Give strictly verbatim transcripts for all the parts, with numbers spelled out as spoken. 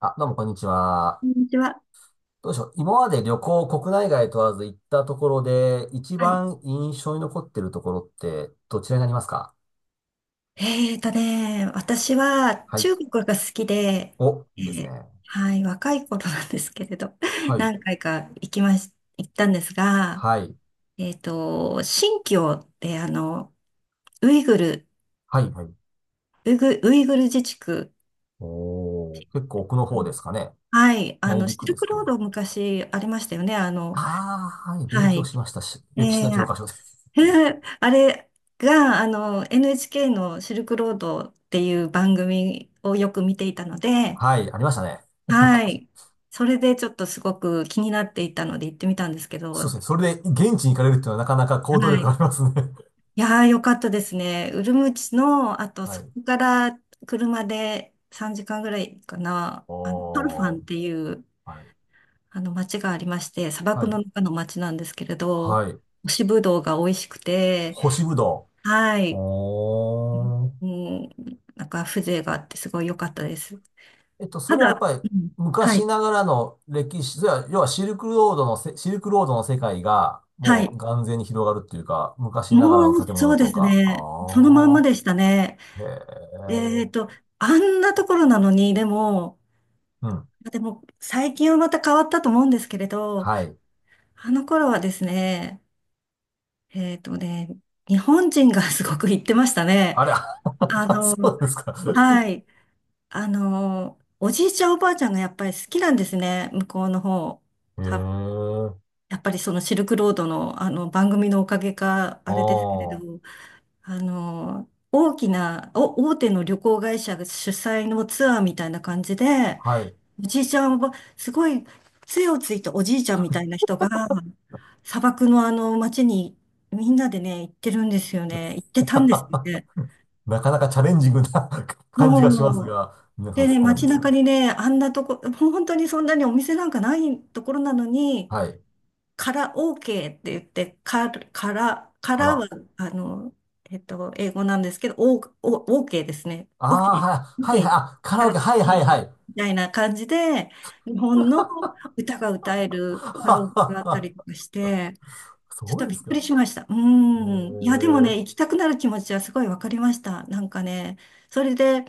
あ、どうもこんにちは。こんにちは。どうでしょう。今まで旅行、国内外問わず行ったところで、一はい。番印象に残ってるところって、どちらになりますか？えーとね、私ははい。中国が好きで、お、いえいですね。ーはい、若い頃なんですけれど、はい。何回か行きまし、行ったんですが、はい。えーと、新疆ってあの、ウイグル、はい。はい。ウイグ、ウイグル自治区、おー、結構奥の方ですかね。はい、あ内の、シ陸ルですクかローね。ド昔ありましたよね、あの、ああ、はい。勉は強い。しましたし、歴史えの教科書で。ー、あれが、あの、エヌエイチケー のシルクロードっていう番組をよく見ていたので、はい。ありましたね。は昔。い。それでちょっとすごく気になっていたので行ってみたんですけそうでど、すね。それで現地に行かれるっていうのはなかなか行動は力あい。りますね。いやー、よかったですね。ウルムチの、あとはそい。こから車でさんじかんぐらいかな、あの、トルファおンー、っていうはい。あの町がありまして、砂漠はい。の中の町なんですけれど、はい。干しぶどうが美味しくて、干しぶどはう。い。おー。うん、なんか風情があってすごい良かったです。えっと、そたれはやっだ、ぱりうん、は昔い。ながらの歴史、それは要はシルクロードのせ、シルクロードの世界がはもうい。眼前に広がるっていうか、昔ながらのもう、建そ物うでとすか。あね。そのまんまあ。でしたね。へえっえ。と、あんなところなのに、でも、うん。でも、最近はまた変わったと思うんですけれど、はい。あの頃はですね、えっとね、日本人がすごく行ってましたね。あれ、あ その、うですか。は い。あの、おじいちゃんおばあちゃんがやっぱり好きなんですね、向こうの方。へた、え。やっぱりそのシルクロードの、あの番組のおかげか、ああれですけれあ。ど、あの、大きな、お、大手の旅行会社が主催のツアーみたいな感じで、はい。おじいちゃんは、すごい杖をついたおじいちゃんみたいな人が、砂漠のあの街にみんなでね、行ってるんですよね。行ってたんですよね。なかなかチャレンジングな 感じがしますもう、が、皆さんで好ね、きなんで街すね。中にね、あんなとこ、もう本当にそんなにお店なんかないところなのに、はい。から OK って言って、から、から、かからら。は、あの、えっと、英語なんですけど、お、お、OK ですね。ああ、OK、はい、はい、OK、はい。あ、カラかオら、ケ、はい、OK はい、はい。みたいな感じで、日本の歌が歌え るカラオはケはがあったりとはかして、ちょっそうとでびすっくか。りしました。うえん。いや、でえ、もね、行きたくなる気持ちはすごいわかりました。なんかね、それで、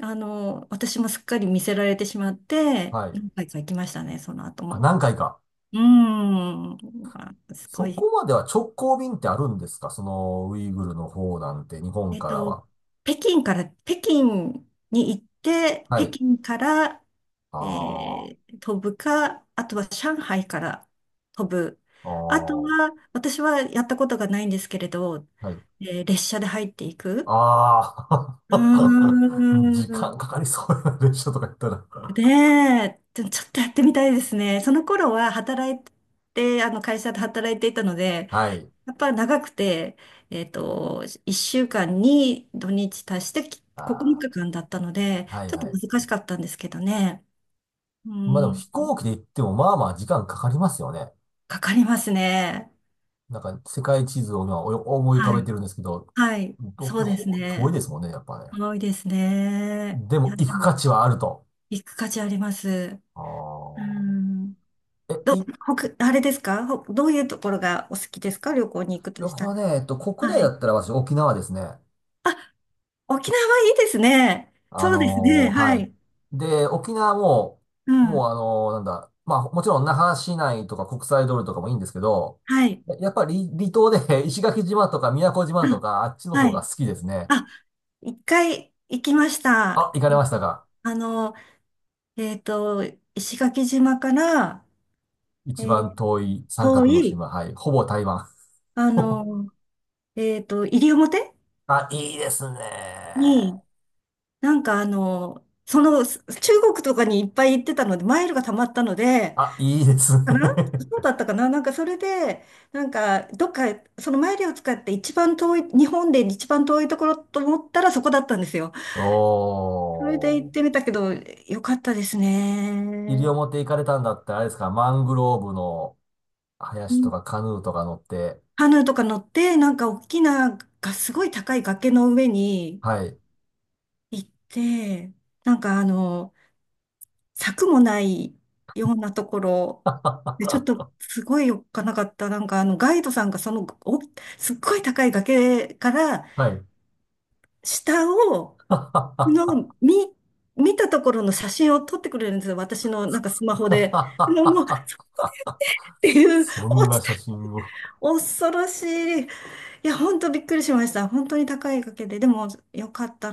あの、私もすっかり見せられてしまって、はい。何回か行きましたね、その後あ、も。何回か。うーん、まあ、すごそい。こまでは直行便ってあるんですか、その、ウイグルの方なんて、日本えっからと、は。北京から、北京に行って、は北い。京から、あえー飛ぶか、あとは上海から飛ぶ。あ、あとああ、は、私はやったことがないんですけれど、はい。えー列車で入っていく。ああ、う 時ー間ん。かかりそうやな、列車とか言ったら。ねえ、ちょちょっとやってみたいですね。その頃は働いて、あの会社で働いていたので、はい。やっぱ長くて、えっと、いっしゅうかんに土日足して9日あ間だったので、あ、はいちょっとはい。難しかったんですけどね。うまあでもん、飛行機で行っても、まあまあ時間かかりますよね。かかりますね。なんか、世界地図を今お思い浮かはべい。てるんですけど、はい。ど、そうですほ遠いね。ですもんね、やっぱね。多いですね。でいもや、行でく価も、値はあると。行く価値あります。うあん。ーえ、ど、い、ほくあれですかほどういうところがお好きですか、旅行に行くと旅した行ら？ね、えっと、国内はだい。ったら私沖縄ですね。あ、沖縄いいですね。あそうですね。のーははい。い。で、沖縄も、うもん。うあのーなんだ、まあもちろん那覇市内とか国際通りとかもいいんですけど、はい。ややっぱり離島で 石垣島とか宮古島うとんかあっちの方はがい。好きですね。あ、一回行きましあ、た。行かれましたか？あの、えっと、石垣島から、え一ー番遠い三遠角のい、島。はい。ほぼ台湾。あの、えっと、西表あ、いいですね。に、なんかあの、その、す中国とかにいっぱい行ってたので、マイルが溜まったので、あ、いいですね。かなそうだったかななんかそれで、なんか、どっか、そのマイルを使って一番遠い、日本で一番遠いところと思ったらそこだったんですよ。それで行おっー。てみたけど、よかったです西ね。表行かれたんだ。ってあれですか、マングローブの林とかカヌーとか乗って。カヌーとか乗って、なんか大きな、がすごい高い崖の上にはい。行って、なんかあの、柵もないようなところ、で、ちょっ とすごいおっかなかった。なんかあの、ガイドさんがその、お、すっごい高い崖からはい。下を、の、見、見たところの写真を撮ってくれるんですよ。私のなんかスマホで。のもう、っ ていう、そん落なちた、写真を。恐ろしい。いや、本当びっくりしました。本当に高い掛かげで。でも、よかった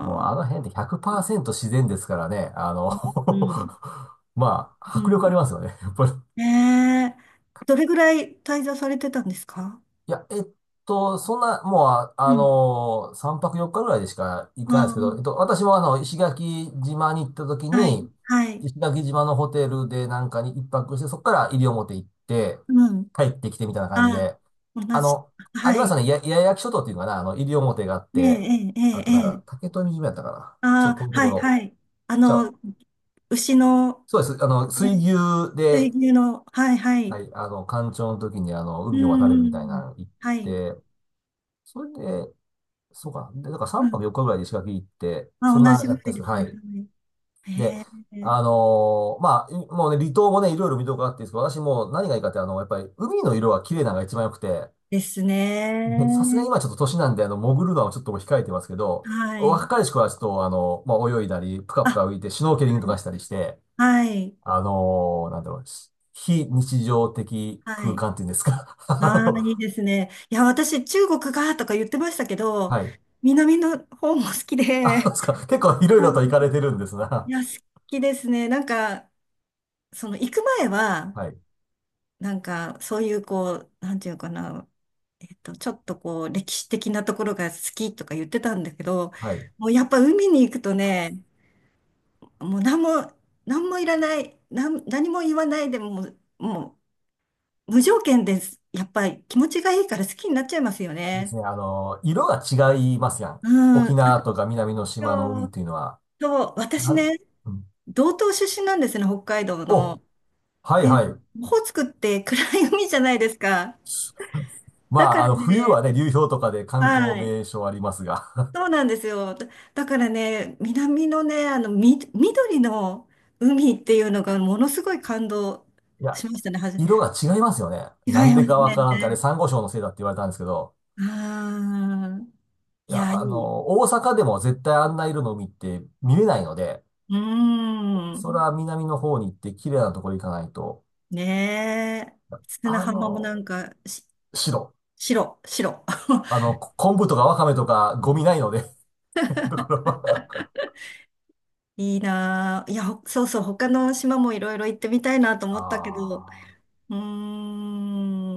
もうあぁ。の辺ってひゃくパーセント自然ですからね。あの うん。まあ、う迫力あん。りますよね。やっぱり。ねえ。どれぐらい滞在されてたんですか？いや、えっと、そんな、もう、あ、うあん。のさんぱくよっかぐらいでしか行かないですあけど、えっと、私もあの、石垣島に行った時あ、はい、に、はい。石垣島のホテルでなんかに一泊して、そこから西表行って、うん。帰ってきてみたいな感じああ、で、同あじ。の、ありはますよい。ね、や、八重垣諸島っていうのかな、あの、西表があっええ、て、ええ、えあえ。となんか、ええ竹富島やったかな。あちょっとあ、遠いとこはい、ろ。はい。あじゃあ、の、牛の、そうです。あの、え水牛水で、牛の、はい、ははい。い、あの、干潮の時にあの、う海を渡れるみたいなん。の行っはい。て、それで、そうかな。で、だからうさんぱくん。よっかぐらいで石垣行って、まそあ、ん同なじやぐったらんでいすけでど、すはね。はい。い。で、ええ。あのーまあ、いもうね、離島もね、いろいろ見どころあっていいんですけど、私もう何がいいかって、あの、やっぱり海の色が綺麗なのが一番良くて、ですでさすがにね。今ちょっと年なんで、あの、潜るのはちょっと控えてますけど、はい。若い子はちょっと、あの、まあ、泳いだり、ぷかぷあ、か浮いて、シュノーケリングとかしたりして、はい。あのーなんだろう、非日常的は空い。間っていうんですか。あああー、のいいですね。いや、私、中国がとか言ってましたけど、はい。南の方も好きあ、そうで、ですか。結構い ろいうろんと行かれてるんですいな。や、好きですね。なんか、その、行く前は、はい。なんか、そういう、こう、なんていうかな、えっと、ちょっとこう、歴史的なところが好きとか言ってたんだけど、はい。もうやっぱ海に行くとね、もう何も、何もいらない、なん、何も言わないでもう、もう、無条件です。やっぱり気持ちがいいから好きになっちゃいますよですね。ね。あの、色が違いますやん。うん。沖あ縄とか南の島の海っと、ていうのは。そう私なん、ね、うん、道東出身なんですね、北海道お、の。はいで、はい。オホーツクって暗い海じゃないですか。まだかあ、あらの、冬はね、ね、流氷とかで観光はい。名所ありますが。そう なんですよ。だ、だからね、南のね、あの、み、緑の海っていうのがものすごい感動いや、しましたね。はじ、色が違いますよね。違なんいまですかわからんって、あれ、ね。珊瑚礁のせいだって言われたんですけど、ああ、いいや、や、いあい。の、大阪でも絶対あんな色の海って見れないので、うーそれん。は南の方に行って綺麗なところ行かないと。ねえ。砂あ浜もなの、んか、し、白。白、白。あ の、こ昆布とかわかめとかゴミないので ところはいいなあ。いや、ほそうそう、他の島もいろいろ行ってみたいなと思ったけど。ああ。うー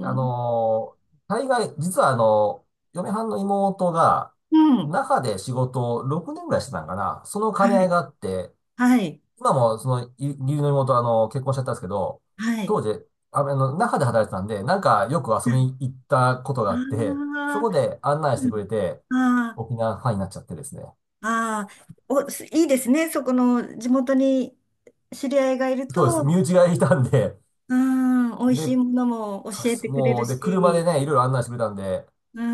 あのー、大概、実はあの、嫁はんの妹が、うん。那覇で仕事をろくねんぐらいしてたんかな。その兼ねは合いい。があって、はい。今もその、い義理の妹はあの、結婚しちゃったんですけど、はい。当時、ああの、那覇で働いてたんで、なんかよく遊びに行ったことがああって、そあこで案内しー、うてくん。れて、あ沖縄ファンになっちゃってですね。あ、ああ、お、すいいですね。そこの地元に知り合いがいるそうです。と、身う内がいたんで、ーん、美味で、しいものもそうで教えす。てくれもるう、で、車でし、ね、いろいろ案内してくれたんで、うー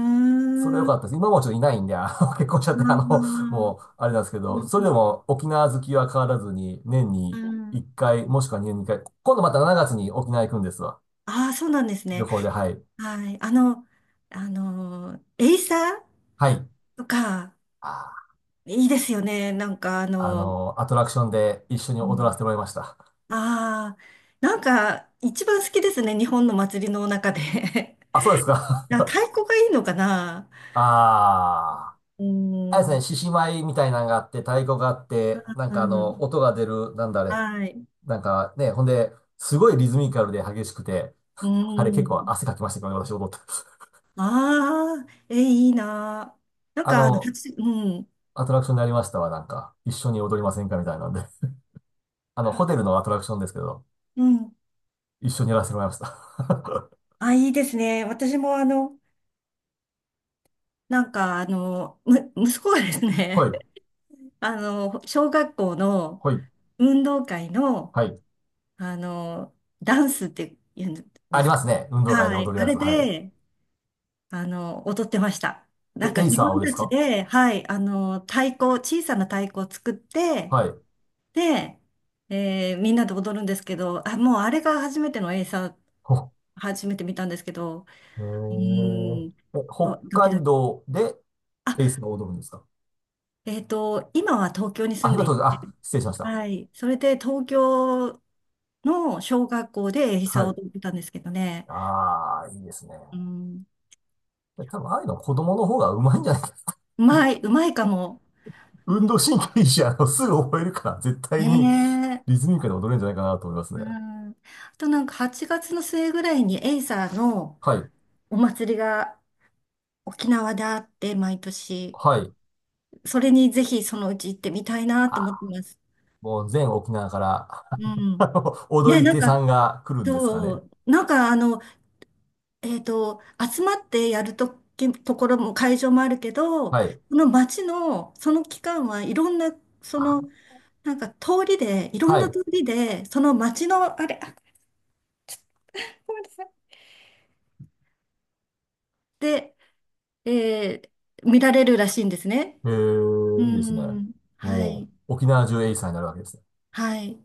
それは良ん、かったであす。今もちょっといないんで、あの、結婚しちゃって、あの、あ、もう、あれなんですけうど、んそうれでんも沖縄好きは変わらずに、年うにん。いっかい、もしくは年ににかい、今度またしちがつに沖縄行くんですわ。ああ、そうなんです旅ね。行で、はい。はい。あの、あの、エイサーはい。とか、あいいですよね。なんか、あー、あの、の、アトラクションで一緒にう踊らん、せてもらいました。ああー、なんか、一番好きですね。日本の祭りの中で。あ、そうですか。な太鼓がいいのかな。 ああ。うあれですーね、ん、獅子舞みたいなのがあって、太鼓があって、なんうかあの、ん、音が出る、なんだあれ。はい。うなんかね、ほんで、すごいリズミカルで激しくて、ーあれ結構ん。汗かきましたけどね、私踊って。ああ、え、いいな。なんあか、あの、の、初うん。アトラクションでありましたわ、なんか、一緒に踊りませんかみたいなんで。あの、ホテはルのアトラクションですけど、うん。一緒にやらせてもらいました。あ、いいですね。私も、あの、なんか、あの、む、息子がですはね、い、あの、小学校のはい、運動会の、はい。あの、ダンスって言うんでありすまか？すね。運動会ではい。踊るあやれつ。はい。で、あの、踊ってました。なえ、んかエイ自サー分をでたすちか？で、はい、あの、太鼓、小さな太鼓を作って、はい。で、えーみんなで踊るんですけど、あ、もうあれが初めてのエイサー、ほ、初めて見たんですけど、へうーーん、え、あ北ドキド海キ。道であ、エイサーを踊るんですか？えっと、今は東京にあ、住ん今でい当然、て、あ、失礼しました。はい、それで東京の小学校でエイサはーをい。踊ってたんですけどね。ああ、いいですね。うん、で多分、ああいうの子供の方がうまいんじゃないか。うまい、うまいかも。う運動ん、神経いいし、あの、すぐ覚えるから、絶対ねにリえ。ズミカルに踊れるんじゃないかなと思いますうね。ん、あとなんかはちがつの末ぐらいにエイサーのはい。お祭りが沖縄であって、毎年。はい。それにぜひそのうち行ってみたいなと思っあてます。もう全沖縄から う ん。あの踊ね、りなん手さか、んが来るんですかそね。う、なんかあの、えっと、集まってやるとき、ところも会場もあるけど、こはい。の街の、その期間はいろんな、その、あなんか通りで、いろんはない。通りで、その街の、あれ、あ、ごめんなさい。で、えー見られるらしいんですね。えうーー、いいですね。ん。はもい。う、沖縄中エイサーになるわけですね。はい。